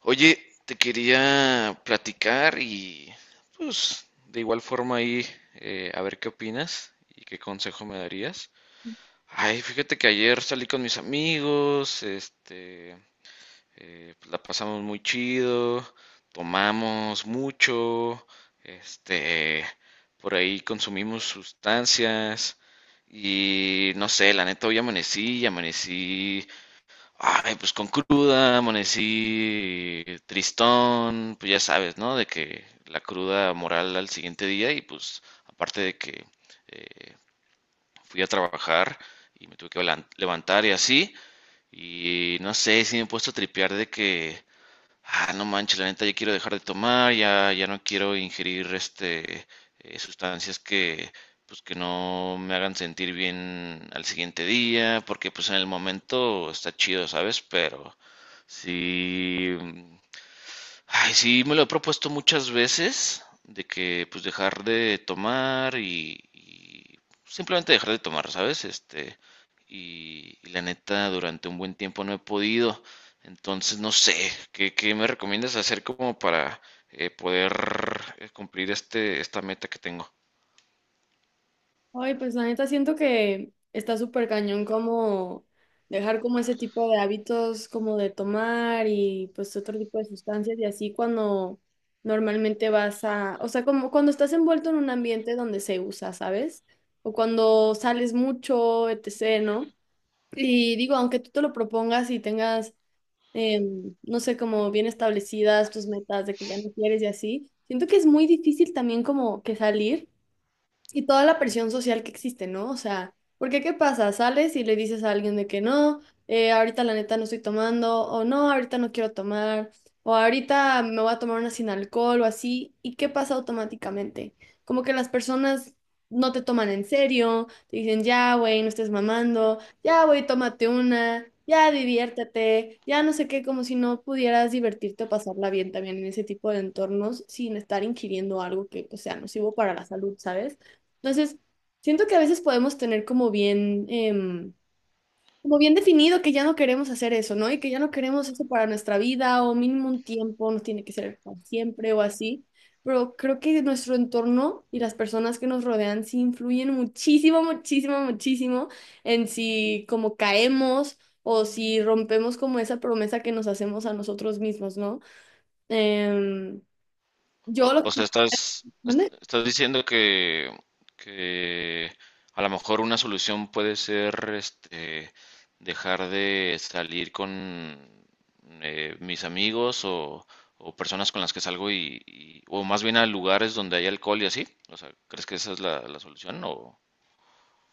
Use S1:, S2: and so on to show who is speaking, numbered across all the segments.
S1: Oye, te quería platicar y pues de igual forma ahí, a ver qué opinas y qué consejo me darías. Ay, fíjate que ayer salí con mis amigos, este, pues, la pasamos muy chido, tomamos mucho, este, por ahí consumimos sustancias y no sé, la neta hoy amanecí, y amanecí, ay, pues con cruda, amanecí tristón, pues ya sabes, ¿no? De que la cruda moral al siguiente día y pues aparte de que eh, fui a trabajar y me tuve que levantar y así, y no sé, si me he puesto a tripear de que ah, no manches, la neta, ya quiero dejar de tomar, ya, ya no quiero ingerir este, sustancias que pues que no me hagan sentir bien al siguiente día, porque pues en el momento está chido, ¿sabes? Pero sí, ay, sí, me lo he propuesto muchas veces, de que pues dejar de tomar y simplemente dejar de tomar, ¿sabes? Este, y la neta, durante un buen tiempo no he podido. Entonces, no sé, ¿qué me recomiendas hacer como para poder, cumplir este, esta meta que tengo?
S2: Ay, pues la neta siento que está súper cañón como dejar como ese tipo de hábitos como de tomar y pues otro tipo de sustancias y así cuando normalmente vas a, o sea, como cuando estás envuelto en un ambiente donde se usa, ¿sabes? O cuando sales mucho, etc., ¿no? Y digo, aunque tú te lo propongas y tengas, no sé, como bien establecidas tus metas de que ya no quieres y así, siento que es muy difícil también como que salir. Y toda la presión social que existe, ¿no? O sea, porque ¿qué pasa? Sales y le dices a alguien de que no, ahorita la neta no estoy tomando, o no, ahorita no quiero tomar, o ahorita me voy a tomar una sin alcohol o así, ¿y qué pasa automáticamente? Como que las personas no te toman en serio, te dicen, ya, güey, no estés mamando, ya, güey, tómate una, ya, diviértete, ya no sé qué, como si no pudieras divertirte o pasarla bien también en ese tipo de entornos sin estar ingiriendo algo que pues, sea nocivo para la salud, ¿sabes? Entonces, siento que a veces podemos tener como bien, como bien definido que ya no queremos hacer eso, ¿no? Y que ya no queremos eso para nuestra vida o mínimo un tiempo, no tiene que ser para siempre o así. Pero creo que nuestro entorno y las personas que nos rodean sí influyen muchísimo, muchísimo, muchísimo en si como caemos o si rompemos como esa promesa que nos hacemos a nosotros mismos, ¿no? Em,
S1: O,
S2: yo lo
S1: o
S2: que...
S1: sea, estás,
S2: ¿Mande?
S1: estás diciendo que a lo mejor una solución puede ser este, dejar de salir con mis amigos o personas con las que salgo o más bien a lugares donde hay alcohol y así. O sea, ¿crees que esa es la solución o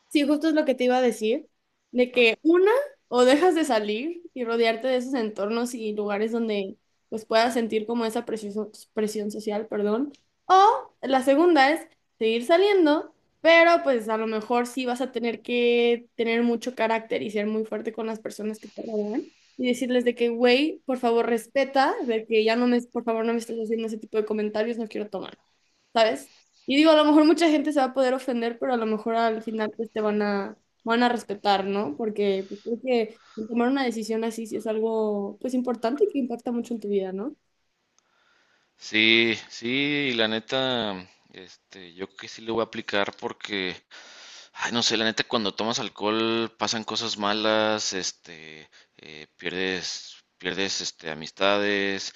S2: Sí, justo es lo que te iba a decir, de
S1: no?
S2: que una, o dejas de salir y rodearte de esos entornos y lugares donde pues puedas sentir como esa presión, presión social, perdón, o la segunda es seguir saliendo, pero pues a lo mejor sí vas a tener que tener mucho carácter y ser muy fuerte con las personas que te rodean y decirles de que, güey, por favor respeta, de que ya no me, por favor no me estés haciendo ese tipo de comentarios, no quiero tomar. ¿Sabes? Y digo, a lo mejor mucha gente se va a poder ofender, pero a lo mejor al final pues te van a, van a respetar, ¿no? Porque pues, creo que tomar una decisión así sí es algo pues importante y que impacta mucho en tu vida, ¿no?
S1: Sí, sí, la neta, este, yo creo que sí lo voy a aplicar porque ay, no sé, la neta, cuando tomas alcohol pasan cosas malas, este, pierdes, este, amistades,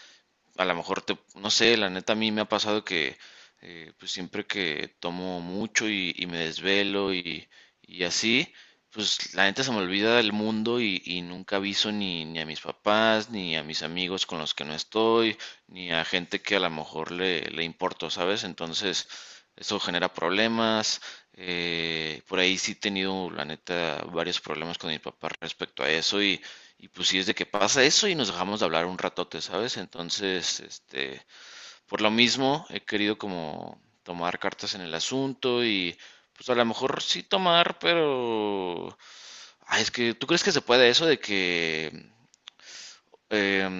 S1: a lo mejor te, no sé, la neta a mí me ha pasado que pues siempre que tomo mucho y me desvelo y así, pues la neta se me olvida del mundo y nunca aviso ni a mis papás, ni a mis amigos con los que no estoy, ni a gente que a lo mejor le importo, ¿sabes? Entonces, eso genera problemas. Por ahí sí he tenido, la neta, varios problemas con mi papá respecto a eso y pues sí es de que pasa eso y nos dejamos de hablar un ratote, ¿sabes? Entonces, este, por lo mismo he querido como tomar cartas en el asunto y pues a lo mejor sí tomar, pero... Ay, es que, ¿tú crees que se puede eso de que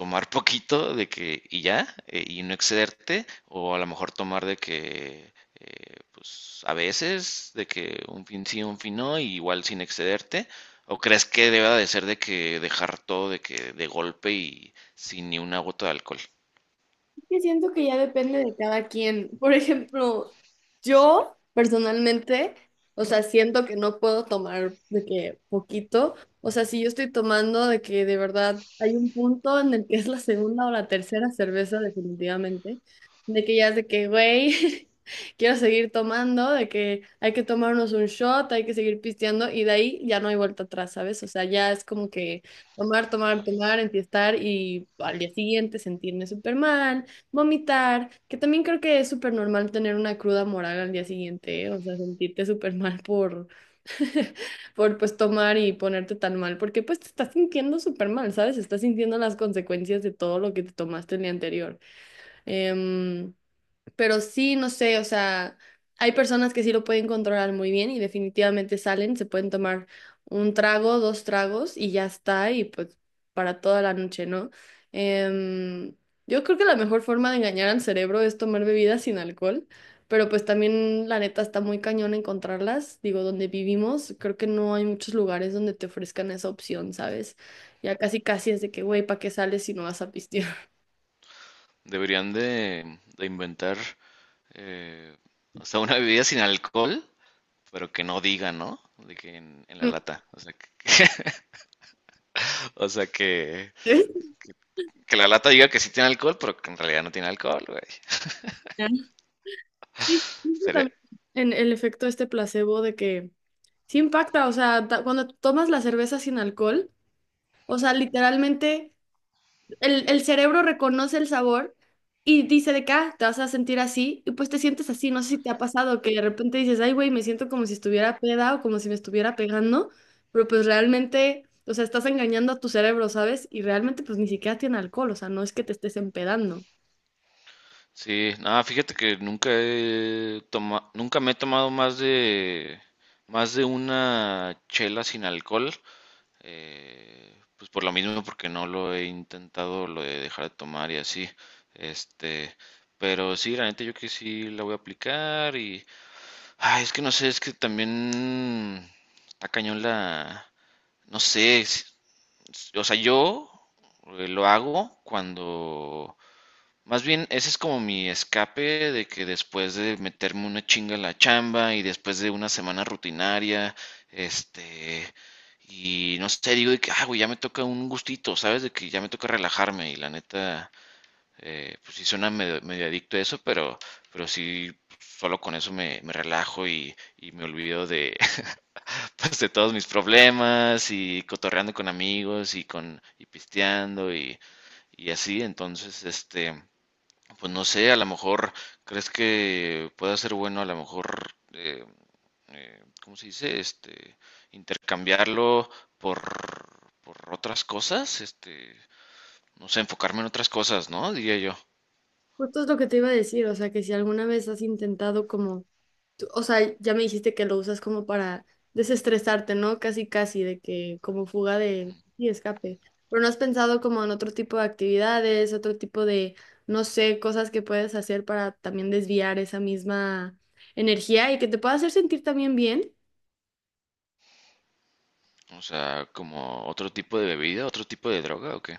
S1: tomar poquito de que y ya, y no excederte, o a lo mejor tomar de que, pues a veces, de que un fin sí, un fin no, y igual sin excederte, o crees que deba de ser de que dejar todo de que de golpe y sin ni una gota de alcohol?
S2: que siento que ya depende de cada quien. Por ejemplo, yo personalmente, o sea, siento que no puedo tomar de que poquito. O sea, si yo estoy tomando de que de verdad hay un punto en el que es la segunda o la tercera cerveza, definitivamente, de que ya es de que, güey, quiero seguir tomando, de que hay que tomarnos un shot, hay que seguir pisteando y de ahí ya no hay vuelta atrás, ¿sabes? O sea, ya es como que tomar, tomar, tomar, enfiestar y al día siguiente sentirme súper mal Vomitar, que también creo que es súper normal tener una cruda moral al día siguiente, ¿eh? O sea, sentirte súper mal por, por pues tomar y ponerte tan mal, porque pues te estás sintiendo súper mal, ¿sabes? Estás sintiendo las consecuencias de todo lo que te tomaste el día anterior. Em, pero sí, no sé, o sea, hay personas que sí lo pueden controlar muy bien y definitivamente salen, se pueden tomar un trago, dos tragos y ya está, y pues para toda la noche, ¿no? Em, yo creo que la mejor forma de engañar al cerebro es tomar bebidas sin alcohol, pero pues también la neta está muy cañón encontrarlas, digo, donde vivimos, creo que no hay muchos lugares donde te ofrezcan esa opción, ¿sabes? Ya casi casi es de que, güey, ¿para qué sales si no vas a pistear?
S1: Deberían de inventar, eh, o sea, una bebida sin alcohol, pero que no diga, ¿no? De que en la lata. O sea que la lata diga que sí tiene alcohol, pero que en realidad no tiene alcohol, güey.
S2: Sí, creo que
S1: Seré-
S2: también en el efecto este placebo de que sí impacta, o sea, cuando tomas la cerveza sin alcohol, o sea, literalmente el cerebro reconoce el sabor y dice de acá, te vas a sentir así, y pues te sientes así, no sé si te ha pasado que de repente dices, ay, güey, me siento como si estuviera peda o como si me estuviera pegando, pero pues realmente, o sea, estás engañando a tu cerebro, ¿sabes? Y realmente pues ni siquiera tiene alcohol, o sea, no es que te estés empedando.
S1: Sí, nada, fíjate que nunca he toma- nunca me he tomado más de, más de una chela sin alcohol. Pues por lo mismo, porque no lo he intentado lo de dejar de tomar y así. Este, pero sí, la neta yo que sí la voy a aplicar y ay, es que no sé, es que también está cañón la, no sé, si- O sea, yo, lo hago cuando... Más bien, ese es como mi escape de que después de meterme una chinga en la chamba y después de una semana rutinaria, este, y no sé, digo de que, ah, güey, ya me toca un gustito, ¿sabes? De que ya me toca relajarme y la neta, pues sí suena medio, medio adicto a eso, pero sí, solo con eso me, me relajo y me olvido de, pues, de todos mis problemas y cotorreando con amigos y con y pisteando y así. Entonces, este, pues no sé, a lo mejor crees que pueda ser bueno, a lo mejor, ¿cómo se dice? Este, intercambiarlo por, por otras cosas, este, no sé, enfocarme en otras cosas, ¿no? Diría yo.
S2: Justo es lo que te iba a decir, o sea, que si alguna vez has intentado como O sea, ya me dijiste que lo usas como para desestresarte, ¿no? Casi, casi, de que como fuga de y escape. Pero no has pensado como en otro tipo de actividades, otro tipo de, no sé, cosas que puedes hacer para también desviar esa misma energía y que te pueda hacer sentir también bien.
S1: ¿O sea, como otro tipo de bebida, otro tipo de droga o qué?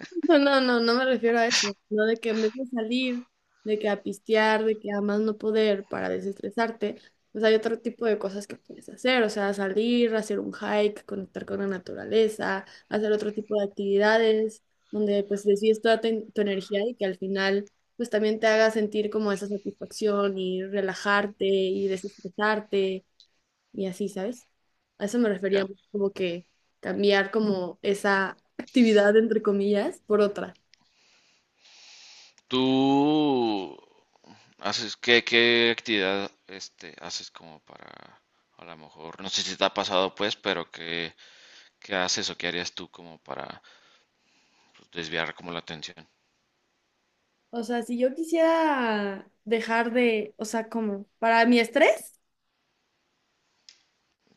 S2: No, no, no, no me refiero a eso, no de que en vez de salir, de que a pistear, de que a más no poder para desestresarte, pues hay otro tipo de cosas que puedes hacer, o sea, salir, hacer un hike, conectar con la naturaleza, hacer otro tipo de actividades donde pues desvíes toda tu energía y que al final pues también te haga sentir como esa satisfacción y relajarte y desestresarte y así, ¿sabes? A eso me refería
S1: Ya.
S2: como que cambiar como esa actividad, entre comillas, por otra.
S1: ¿Tú haces qué, qué actividad este haces como para, a lo mejor, no sé si te ha pasado pues, pero qué, qué haces o qué harías tú como para pues, desviar como la atención?
S2: O sea, si yo quisiera dejar de, o sea, como para mi estrés,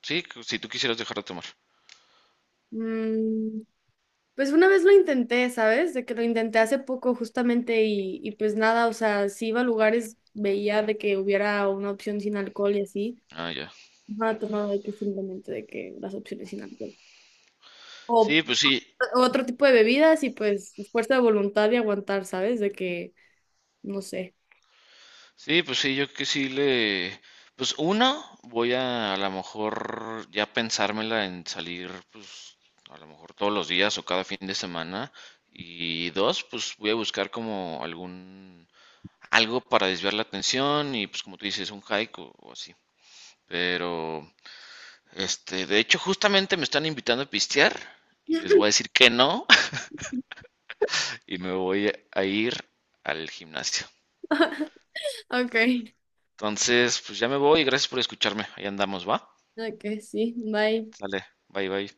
S1: Sí, si tú quisieras dejar de tomar.
S2: mm, pues una vez lo intenté, ¿sabes? De que lo intenté hace poco justamente y pues nada, o sea, si iba a lugares, veía de que hubiera una opción sin alcohol y así.
S1: Ah, ya.
S2: Ajá, tomaba de que simplemente de que las opciones sin alcohol. O
S1: Sí, pues sí.
S2: otro tipo de bebidas y pues fuerza de voluntad y aguantar, ¿sabes? De que, no sé.
S1: Sí, pues sí, yo que sí le... Pues uno, voy a lo mejor ya pensármela en salir, pues a lo mejor todos los días o cada fin de semana. Y dos, pues voy a buscar como algún... algo para desviar la atención y pues como tú dices, un hike o así. Pero, este, de hecho justamente me están invitando a pistear y les voy a decir que no y me voy a ir al gimnasio.
S2: Ok,
S1: Entonces, pues ya me voy y gracias por escucharme. Ahí andamos, ¿va?
S2: ok, sí, bye.
S1: Sale, bye bye.